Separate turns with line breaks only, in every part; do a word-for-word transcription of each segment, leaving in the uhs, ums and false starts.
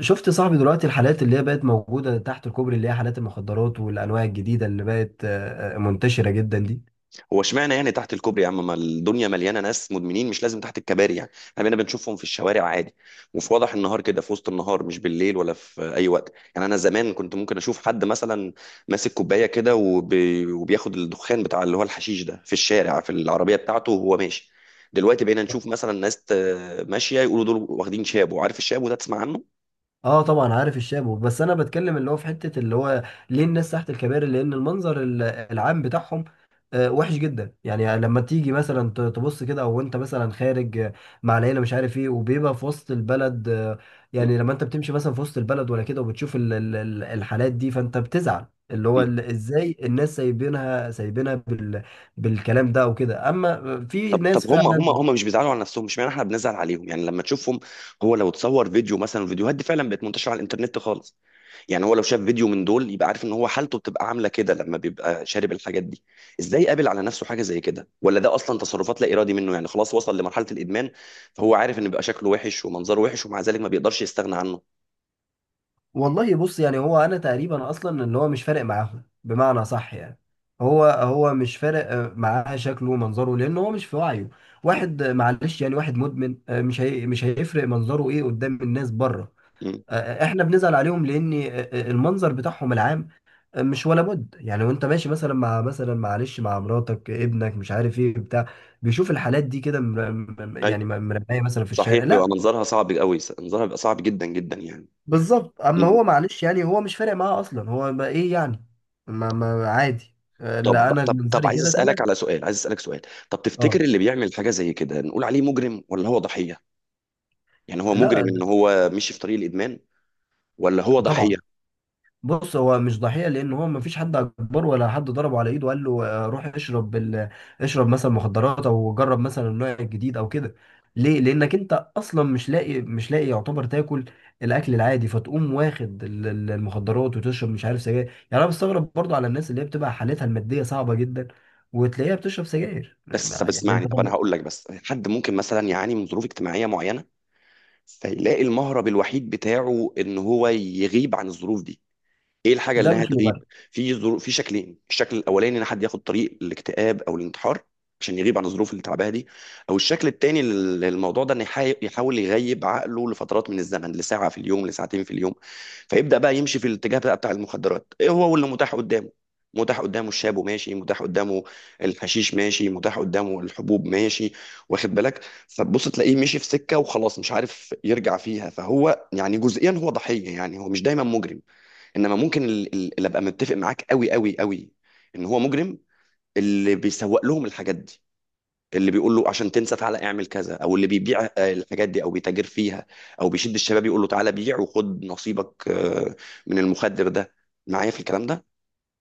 شفت صاحبي دلوقتي الحالات اللي هي بقت موجودة تحت الكوبري، اللي هي حالات المخدرات والأنواع الجديدة اللي بقت آه، آه، منتشرة جدا دي.
هو اشمعنى يعني تحت الكوبري يا عم؟ ما الدنيا مليانه ناس مدمنين، مش لازم تحت الكباري. يعني احنا بقينا بنشوفهم في الشوارع عادي وفي وضح النهار كده، في وسط النهار مش بالليل ولا في اي وقت. يعني انا زمان كنت ممكن اشوف حد مثلا ماسك كوبايه كده وبي... وبياخد الدخان بتاع اللي هو الحشيش ده في الشارع في العربيه بتاعته وهو ماشي. دلوقتي بقينا نشوف مثلا ناس ت- ماشيه، يقولوا دول واخدين شابو. عارف الشابو ده؟ تسمع عنه؟
اه، طبعا عارف الشابو، بس انا بتكلم اللي هو في حته اللي هو ليه الناس تحت الكباري. لان المنظر ال- العام بتاعهم آه، وحش جدا. يعني لما تيجي مثلا ت- تبص كده او انت مثلا خارج آه، مع العيله مش عارف ايه، وبيبقى في وسط البلد آه، يعني. لما انت بتمشي مثلا في وسط البلد ولا كده وبتشوف ال- ال- ال- الحالات دي، فانت بتزعل. اللي هو ال- ازاي الناس سايبينها، سايبينها بال بالكلام ده او كده، اما في
طب
ناس
طب هم هم
فعلا.
هم مش بيزعلوا على نفسهم. مش معنى احنا بنزعل عليهم يعني لما تشوفهم. هو لو تصور فيديو مثلا، الفيديوهات دي فعلا بقت منتشره على الانترنت خالص. يعني هو لو شاف فيديو من دول يبقى عارف ان هو حالته بتبقى عامله كده لما بيبقى شارب الحاجات دي. ازاي قابل على نفسه حاجه زي كده؟ ولا ده اصلا تصرفات لا ارادي منه؟ يعني خلاص وصل لمرحله الادمان. فهو عارف ان بيبقى شكله وحش ومنظره وحش، ومع ذلك ما بيقدرش يستغنى عنه.
والله بص، يعني هو انا تقريبا اصلا اللي هو مش فارق معاهم، بمعنى صح يعني. هو هو مش فارق آه، معاه شكله ومنظره لان هو مش في وعيه.
م-
واحد آه، معلش يعني، واحد مدمن آه، مش هي مش هيفرق منظره ايه قدام الناس بره.
م.
آه، آه، احنا بنزعل عليهم لان آه، آه، المنظر بتاعهم العام آه، مش ولا بد. يعني وانت ماشي مثلا مع مثلا معلش مع مراتك ابنك مش عارف ايه بتاع، بيشوف الحالات دي كده مر- م-
أي.
يعني مرميه مثلا في الشارع،
صحيح، بيبقى
لا.
منظرها صعب قوي، منظرها بيبقى صعب جدا جدا يعني.
بالظبط، اما هو معلش يعني، هو مش فارق معاه اصلا. هو ما ايه يعني، ما ما عادي. آه،
طب
لا، انا
طب طب
منظري
عايز
كده
اسالك
تمام.
على سؤال عايز اسالك سؤال. طب تفتكر
اه،
اللي بيعمل حاجه زي كده نقول عليه مجرم ولا هو ضحيه؟ يعني هو
لا،
مجرم ان
ده-
هو مشي في طريق الادمان، ولا هو ضحيه؟
طبعا. بص، هو مش ضحية لأن هو مفيش حد أكبر ولا حد ضربه على إيده وقال له آه، روح اشرب ال... اشرب مثلا مخدرات، أو جرب مثلا النوع الجديد أو كده. ليه؟ لأنك أنت أصلا مش لاقي مش لاقي يعتبر تاكل الأكل العادي، فتقوم واخد ال- ال- المخدرات وتشرب مش عارف سجاير. يعني أنا بستغرب برضو على الناس اللي هي بتبقى حالتها المادية صعبة جدا وتلاقيها بتشرب سجاير.
بس طب
يعني أنت
اسمعني، طب انا
طب.
هقول لك، بس حد ممكن مثلا يعاني من ظروف اجتماعيه معينه فيلاقي المهرب الوحيد بتاعه ان هو يغيب عن الظروف دي. ايه الحاجه
ده
اللي
مش مبرر.
هتغيب؟ في ظروف في شكلين. الشكل الاولاني ان حد ياخد طريق الاكتئاب او الانتحار عشان يغيب عن الظروف اللي تعبها دي. او الشكل التاني لل- للموضوع ده ان يحا- يحاول يغيب عقله لفترات من الزمن، لساعه في اليوم، لساعتين في اليوم. فيبدا بقى يمشي في الاتجاه بقى بتاع المخدرات. ايه هو اللي متاح قدامه؟ متاح قدامه الشاب وماشي، متاح قدامه الحشيش ماشي، متاح قدامه الحبوب ماشي. واخد بالك؟ فتبص تلاقيه مشي في سكه وخلاص مش عارف يرجع فيها. فهو يعني جزئيا هو ضحيه، يعني هو مش دايما مجرم. انما ممكن ال- ال- اللي ابقى متفق معاك قوي قوي قوي ان هو مجرم، اللي بيسوق لهم الحاجات دي، اللي بيقول له عشان تنسى تعالى اعمل كذا، او اللي بيبيع آه، الحاجات دي او بيتاجر فيها، او بيشد الشباب يقول له تعالى بيع وخد نصيبك آه، من المخدر ده. معايا في الكلام ده؟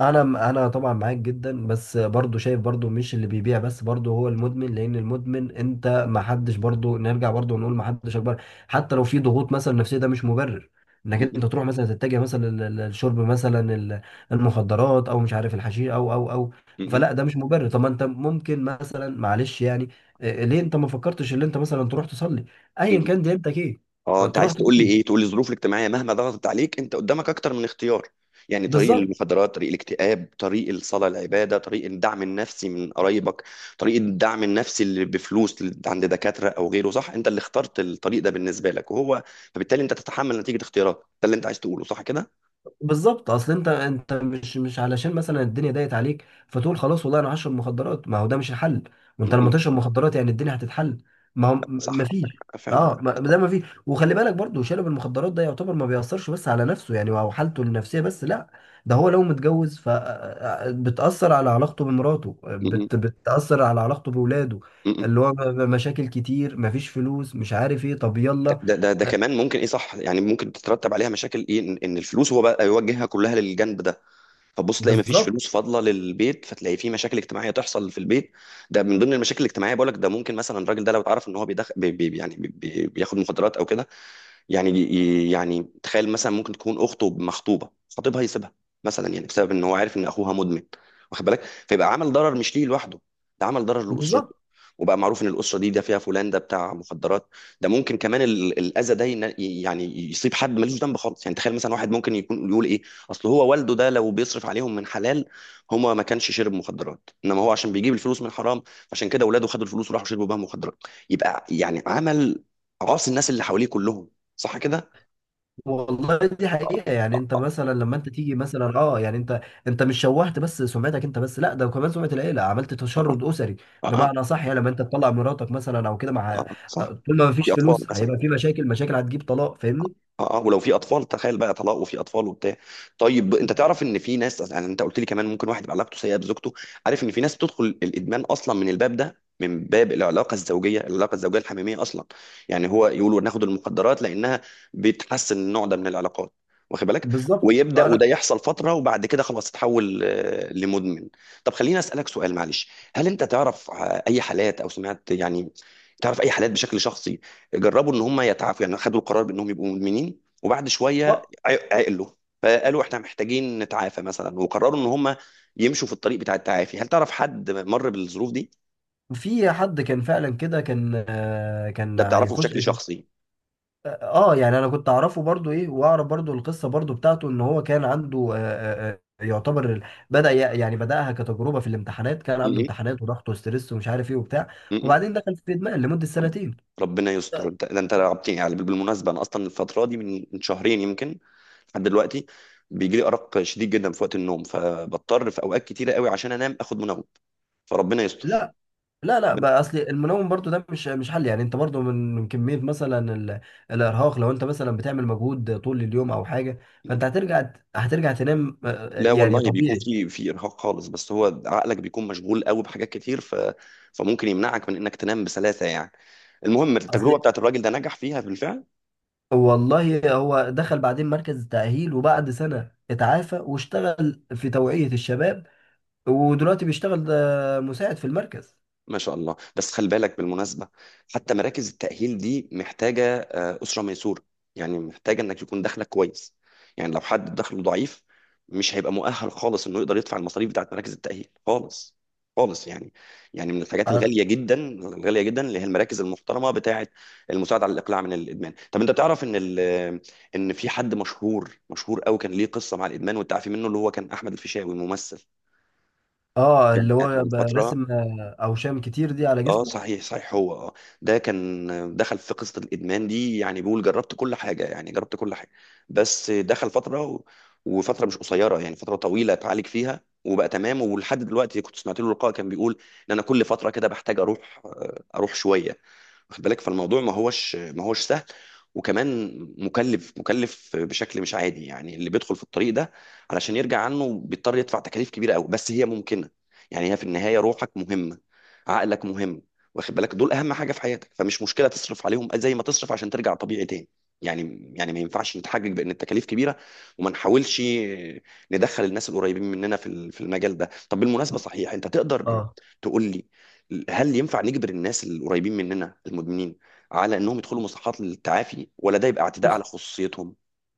انا انا طبعا معاك جدا، بس برضو شايف برضو مش اللي بيبيع بس، برضو هو المدمن. لان المدمن انت ما حدش، برضو نرجع برضو نقول ما حدش اكبر. حتى لو في ضغوط مثلا نفسيه، ده مش مبرر انك
م-
انت تروح مثلا تتجه مثلا لل- لل- للشرب مثلا ال- المخدرات، او مش عارف الحشيش، او او او.
م-
فلا، ده مش مبرر. طب ما انت ممكن مثلا معلش يعني آه، ليه انت ما فكرتش ان انت مثلا تروح تصلي،
م-
ايا
م-
كان ديانتك ايه.
اه، انت
تروح
عايز تقول لي ايه؟
تصلي.
تقول لي الظروف الاجتماعيه مهما ضغطت عليك انت قدامك اكتر من اختيار. يعني طريق
بالظبط.
المخدرات، طريق الاكتئاب، طريق الصلاه، العباده، طريق الدعم النفسي من قرايبك، طريق الدعم النفسي اللي بفلوس اللي عند دكاتره او غيره. صح؟ انت اللي اخترت الطريق ده بالنسبه لك وهو، فبالتالي انت تتحمل نتيجه اختياراتك. ده اللي انت عايز تقوله، صح كده؟
بالظبط اصل انت انت مش مش علشان مثلا الدنيا ضايقت عليك فتقول خلاص والله انا هشرب مخدرات. ما هو ده مش الحل. وانت
م- م.
لما تشرب مخدرات يعني الدنيا هتتحل؟ ما هو
لا، صح
ما
عندك
فيش.
حق فعلا.
اه، ما- ده ما فيش. وخلي بالك برضو شارب المخدرات ده يعتبر ما بيأثرش بس على نفسه يعني او حالته النفسية بس، لا. ده هو لو متجوز فبتأثر على علاقته بمراته،
م- م.
بت بتأثر على علاقته بولاده.
م- م.
اللي هو م- مشاكل كتير، مفيش فلوس، مش عارف ايه. طب يلا.
ده ده ده كمان ممكن، ايه صح، يعني ممكن تترتب عليها مشاكل، ايه، ان إن الفلوس هو بقى يوجهها كلها للجنب ده. فبص تلاقي مفيش
بالظبط.
فلوس فاضله للبيت، فتلاقي في مشاكل اجتماعيه تحصل في البيت. ده من ضمن المشاكل الاجتماعيه، بقول لك ده ممكن مثلا الراجل ده لو اتعرف ان هو بيدخل بي بي يعني بي بي- بياخد مخدرات او كده يعني يعني تخيل مثلا ممكن تكون اخته مخطوبه، خطيبها يسيبها مثلا، يعني بسبب ان هو عارف ان اخوها مدمن. واخد بالك؟ فيبقى عمل ضرر مش ليه لوحده، ده عمل ضرر لاسرته.
بالظبط
وبقى معروف ان الاسره دي ده فيها فلان ده بتاع مخدرات. ده ممكن كمان ال- الاذى ده ين- يعني يصيب حد ملوش ذنب خالص. يعني تخيل مثلا واحد ممكن يكون يقول ايه، اصل هو والده ده لو بيصرف عليهم من حلال هما ما كانش شرب مخدرات، انما هو عشان بيجيب الفلوس من حرام عشان كده اولاده خدوا الفلوس وراحوا شربوا بها مخدرات. يبقى يعني عمل، عاص الناس اللي حواليه كلهم. صح كده؟
والله دي حقيقة. يعني انت
أه،
مثلا لما انت تيجي مثلا، اه، يعني انت انت مش شوهت بس سمعتك انت بس، لا ده كمان سمعة العيلة، عملت تشرد اسري.
أه، أه. أه،
بمعنى صح يعني، لما انت تطلع مراتك مثلا او كده
أه،
مع آه،
صح؟
طول ما مفيش
دي أطفال
فلوس
مثلا.
هيبقى في مشاكل مشاكل هتجيب طلاق فاهمني.
اه اه، ولو في اطفال تخيل بقى طلاق وفي اطفال وبتاع. طيب، انت
بالظبط.
تعرف ان في ناس، يعني انت قلت لي كمان ممكن واحد يبقى علاقته سيئه بزوجته. عارف ان في ناس بتدخل الادمان اصلا من الباب ده، من باب العلاقه الزوجيه العلاقه الزوجيه الحميميه اصلا. يعني هو يقولوا ناخد المخدرات لانها بتحسن النوع ده من العلاقات. واخد بالك؟
بالظبط.
ويبدا
فانا.
وده يحصل فتره وبعد كده خلاص تتحول آه، لمدمن. طب خليني اسالك سؤال، معلش. هل انت تعرف آه، اي حالات او سمعت، يعني تعرف اي حالات بشكل شخصي جربوا ان هم يتعافوا؟ يعني خدوا القرار بانهم يبقوا مدمنين وبعد شويه
اه،
عق- عقلوا، فقالوا احنا محتاجين نتعافى مثلا، وقرروا ان هم يمشوا في الطريق بتاع التعافي؟ هل تعرف حد مر بالظروف دي؟
في حد كان فعلا كده، كان آه، كان
ده بتعرفه
هيخش.
بشكل شخصي؟
اه، آه، يعني انا كنت اعرفه برضو ايه، واعرف برضو القصه برضو بتاعته ان هو كان عنده، آه، آه، آه، يعتبر ال- بدا ي- يعني بداها كتجربه في الامتحانات. كان عنده
م-
امتحانات وضغط وستريس ومش عارف ايه وبتاع،
م- م-
وبعدين دخل في ادمان لمده
م.
سنتين.
ربنا يستر، انت ده انت رعبتني يعني. بالمناسبه انا اصلا الفتره دي من من شهرين يمكن لحد دلوقتي بيجي لي ارق شديد جدا في وقت النوم، فبضطر في اوقات كتيره قوي عشان انام اخد منوم. فربنا يستر.
لا، لا، لا، بقى اصل المنوم برضو ده مش مش حل. يعني انت برضو من من كميه مثلا ال- الارهاق، لو انت مثلا بتعمل مجهود طول اليوم او حاجه فانت هترجع هترجع تنام. آه، آه،
لا
يعني
والله، بيكون
طبيعي.
في في ارهاق خالص، بس هو عقلك بيكون مشغول قوي بحاجات كتير، ف فممكن يمنعك من انك تنام بسلاسه يعني. المهم التجربه
اصل
بتاعت الراجل ده نجح فيها بالفعل.
والله هو دخل بعدين مركز تأهيل، وبعد سنة اتعافى واشتغل في توعية الشباب، ودلوقتي بيشتغل ده مساعد في المركز.
ما شاء الله. بس خلي بالك بالمناسبة، حتى مراكز التأهيل دي محتاجة آه، أسرة ميسورة، يعني محتاجة إنك يكون دخلك كويس. يعني لو حد دخله ضعيف مش هيبقى مؤهل خالص إنه يقدر يدفع المصاريف بتاعت مراكز التأهيل خالص خالص يعني. يعني من الحاجات
ع-
الغالية جدا الغالية جدا اللي هي المراكز المحترمة بتاعت المساعدة على الإقلاع من الإدمان. طب أنت بتعرف إن ال- إن في حد مشهور مشهور قوي كان ليه قصة مع الإدمان والتعافي منه؟ اللي هو كان أحمد الفيشاوي، ممثل.
اه،
يعني
اللي
كانت
هو
من فترة.
برسم آه، أوشام كتير دي على
اه
جسمه.
صحيح صحيح. هو اه ده كان دخل في قصة الإدمان دي، يعني بيقول جربت كل حاجة، يعني جربت كل حاجة، بس دخل فترة و... وفترة مش قصيرة، يعني فترة طويلة اتعالج فيها وبقى تمام. ولحد دلوقتي كنت سمعت له لقاء كان بيقول ان انا كل فترة كده بحتاج اروح آه، اروح شوية. واخد بالك؟ فالموضوع ما هوش ما هوش سهل، وكمان مكلف، مكلف بشكل مش عادي يعني. اللي بيدخل في الطريق ده علشان يرجع عنه بيضطر يدفع تكاليف كبيره قوي، بس هي ممكنه. يعني هي في النهايه روحك مهمه، عقلك مهم، واخد بالك؟ دول اهم حاجه في حياتك، فمش مشكله تصرف عليهم زي ما تصرف عشان ترجع طبيعي تاني. يعني يعني ما ينفعش نتحجج بان التكاليف كبيره وما نحاولش ندخل الناس القريبين مننا في ال- في المجال ده. طب بالمناسبه، صحيح انت تقدر
اه،
تقول لي، هل ينفع نجبر الناس القريبين مننا المدمنين على انهم يدخلوا مصحات للتعافي، ولا ده يبقى اعتداء
بص،
على خصوصيتهم؟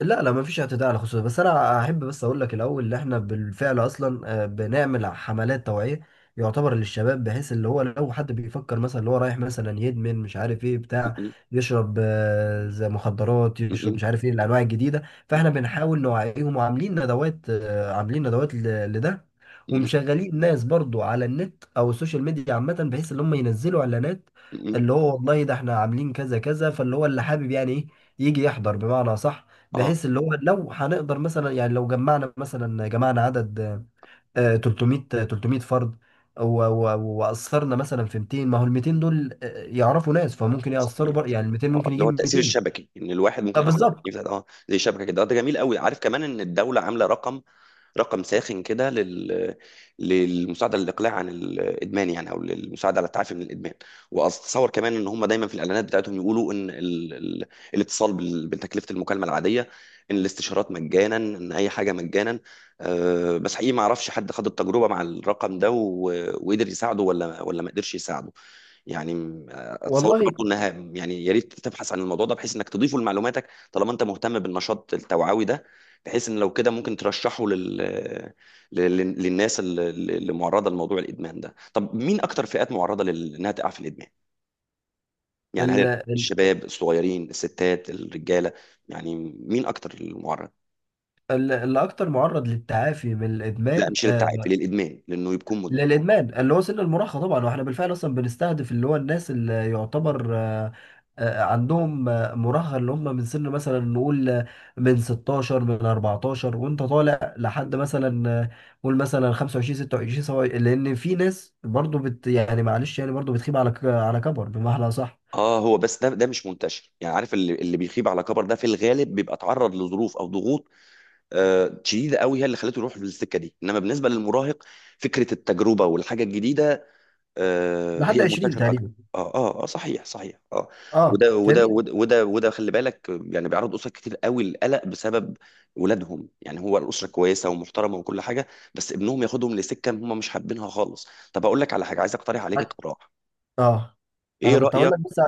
لا، لا، مفيش اعتداء على الخصوصية. بس انا احب بس اقول لك الاول ان احنا بالفعل اصلا آه، بنعمل حملات توعية يعتبر للشباب، بحيث اللي هو لو حد بيفكر مثلا اللي هو رايح مثلا يدمن مش عارف ايه بتاع،
م-
يشرب آه، زي مخدرات،
م-
يشرب
م-
مش عارف ايه الانواع الجديدة.
م-
فاحنا بنحاول نوعيهم، وعاملين ندوات، آه، عاملين ندوات ل- لده.
م-
ومشغلين ناس برضو على النت او السوشيال ميديا عامة بحيث ان هم ينزلوا اعلانات،
م-
اللي هو والله ده احنا عاملين كذا كذا، فاللي هو اللي حابب يعني ايه يجي يحضر، بمعنى صح.
اه
بحيث اللي هو لو هنقدر مثلا، يعني لو جمعنا مثلا جمعنا عدد آه، ثلاثمية آه، ثلاثمائة فرد، و- و- وأثرنا مثلا في ميتين، ما هو ال ميتين دول آه، يعرفوا ناس فممكن يأثروا
صحيح
بر...
صحيح.
يعني ال ميتين
اه،
ممكن
اللي هو
يجيب
التأثير
ميتين.
الشبكي، ان الواحد
آه،
ممكن يأثر في
بالظبط.
التأثير ده، اه زي شبكة كده. ده جميل قوي. عارف كمان ان الدولة عاملة رقم رقم ساخن كده لل... للمساعده للاقلاع عن الادمان يعني، او للمساعده على التعافي من الادمان. واتصور كمان ان هم دايما في الاعلانات بتاعتهم يقولوا ان ال... ال... الاتصال بال... بتكلفه المكالمه العاديه، ان الاستشارات مجانا، ان اي حاجه مجانا. أه بس حقيقي ما اعرفش حد خد التجربه مع الرقم ده و... وقدر يساعده ولا ولا ما قدرش يساعده. يعني م- اتصور
والله
برضو انها، يعني يا ريت تبحث عن الموضوع ده بحيث انك تضيفه لمعلوماتك طالما انت مهتم بالنشاط التوعوي ده، بحيث ان لو كده ممكن ترشحه لل... لل... للناس اللي اللي معرضه لموضوع الادمان ده. طب مين اكتر فئات معرضه لل- انها تقع في الادمان؟ يعني
ال-
هل
ال-
الشباب الصغيرين، الستات، الرجاله، يعني مين اكتر المعرض؟
ال- اللي أكتر معرض للتعافي من
لا،
الإدمان
مش للتعافي،
آه،
للادمان لانه يكون مدمن.
للادمان اللي هو سن المراهقه طبعا. واحنا بالفعل اصلا بنستهدف اللي هو الناس اللي يعتبر آه، آه، عندهم آه، مراهقه، اللي هم من سن مثلا نقول آه، من ستاشر من اربعتاشر وانت طالع لحد مثلا آه، قول مثلا خمسة وعشرين ستة وعشرين سواء. لان في ناس برضو بت يعني معلش يعني، برضو بتخيب على ك- على كبر، بمعنى صح.
اه هو بس ده ده مش منتشر يعني. عارف اللي, اللي بيخيب على كبر ده في الغالب بيبقى تعرض لظروف او ضغوط آه شديده قوي هي اللي خلته يروح للسكه دي. انما بالنسبه للمراهق، فكره التجربه والحاجه الجديده آه،
لحد
هي
عشرين
المنتشره اكتر.
تقريبا.
اه اه اه صحيح صحيح اه.
اه،
وده وده
فاهمني.
وده وده, وده خلي بالك يعني، بيعرض اسر كتير قوي للقلق بسبب ولادهم. يعني هو الاسره كويسه ومحترمه وكل حاجه، بس ابنهم ياخدهم لسكه هم مش حابينها خالص. طب اقول لك على حاجه، عايز اقترح عليك اقتراح،
اه،
ايه
انا كنت هقول
رايك؟
لك بس.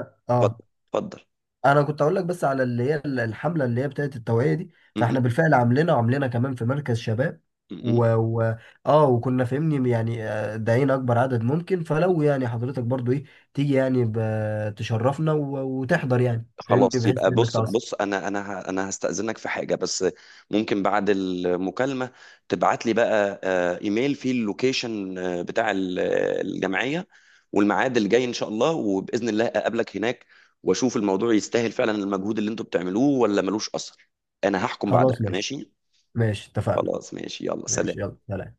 اتفضل،
اه،
اتفضل.
انا كنت اقول لك بس على اللي هي ال- الحمله اللي هي بتاعت التوعيه دي.
م- م-
فاحنا بالفعل عاملينها، وعاملينها كمان في مركز شباب.
م- م.
و... و... اه، وكنا فاهمني يعني آه، داعين اكبر عدد ممكن. فلو يعني حضرتك برضو ايه، تيجي يعني ب... تشرفنا و... وتحضر يعني فاهمني،
خلاص
بحيث
يبقى،
انك
بص
تعصب.
بص، انا انا ه- انا هستأذنك في حاجة بس. ممكن بعد المكالمة تبعت لي بقى آه، ايميل فيه اللوكيشن آه، بتاع ال- الجمعية، والميعاد الجاي ان شاء الله، وبإذن الله اقابلك هناك واشوف الموضوع يستاهل فعلا المجهود اللي انتوا بتعملوه ولا ملوش اثر. انا هحكم بعدها،
خلاص ماشي،
ماشي؟
ماشي، اتفقنا.
خلاص ماشي، يلا سلام.
ماشي، يلا سلام.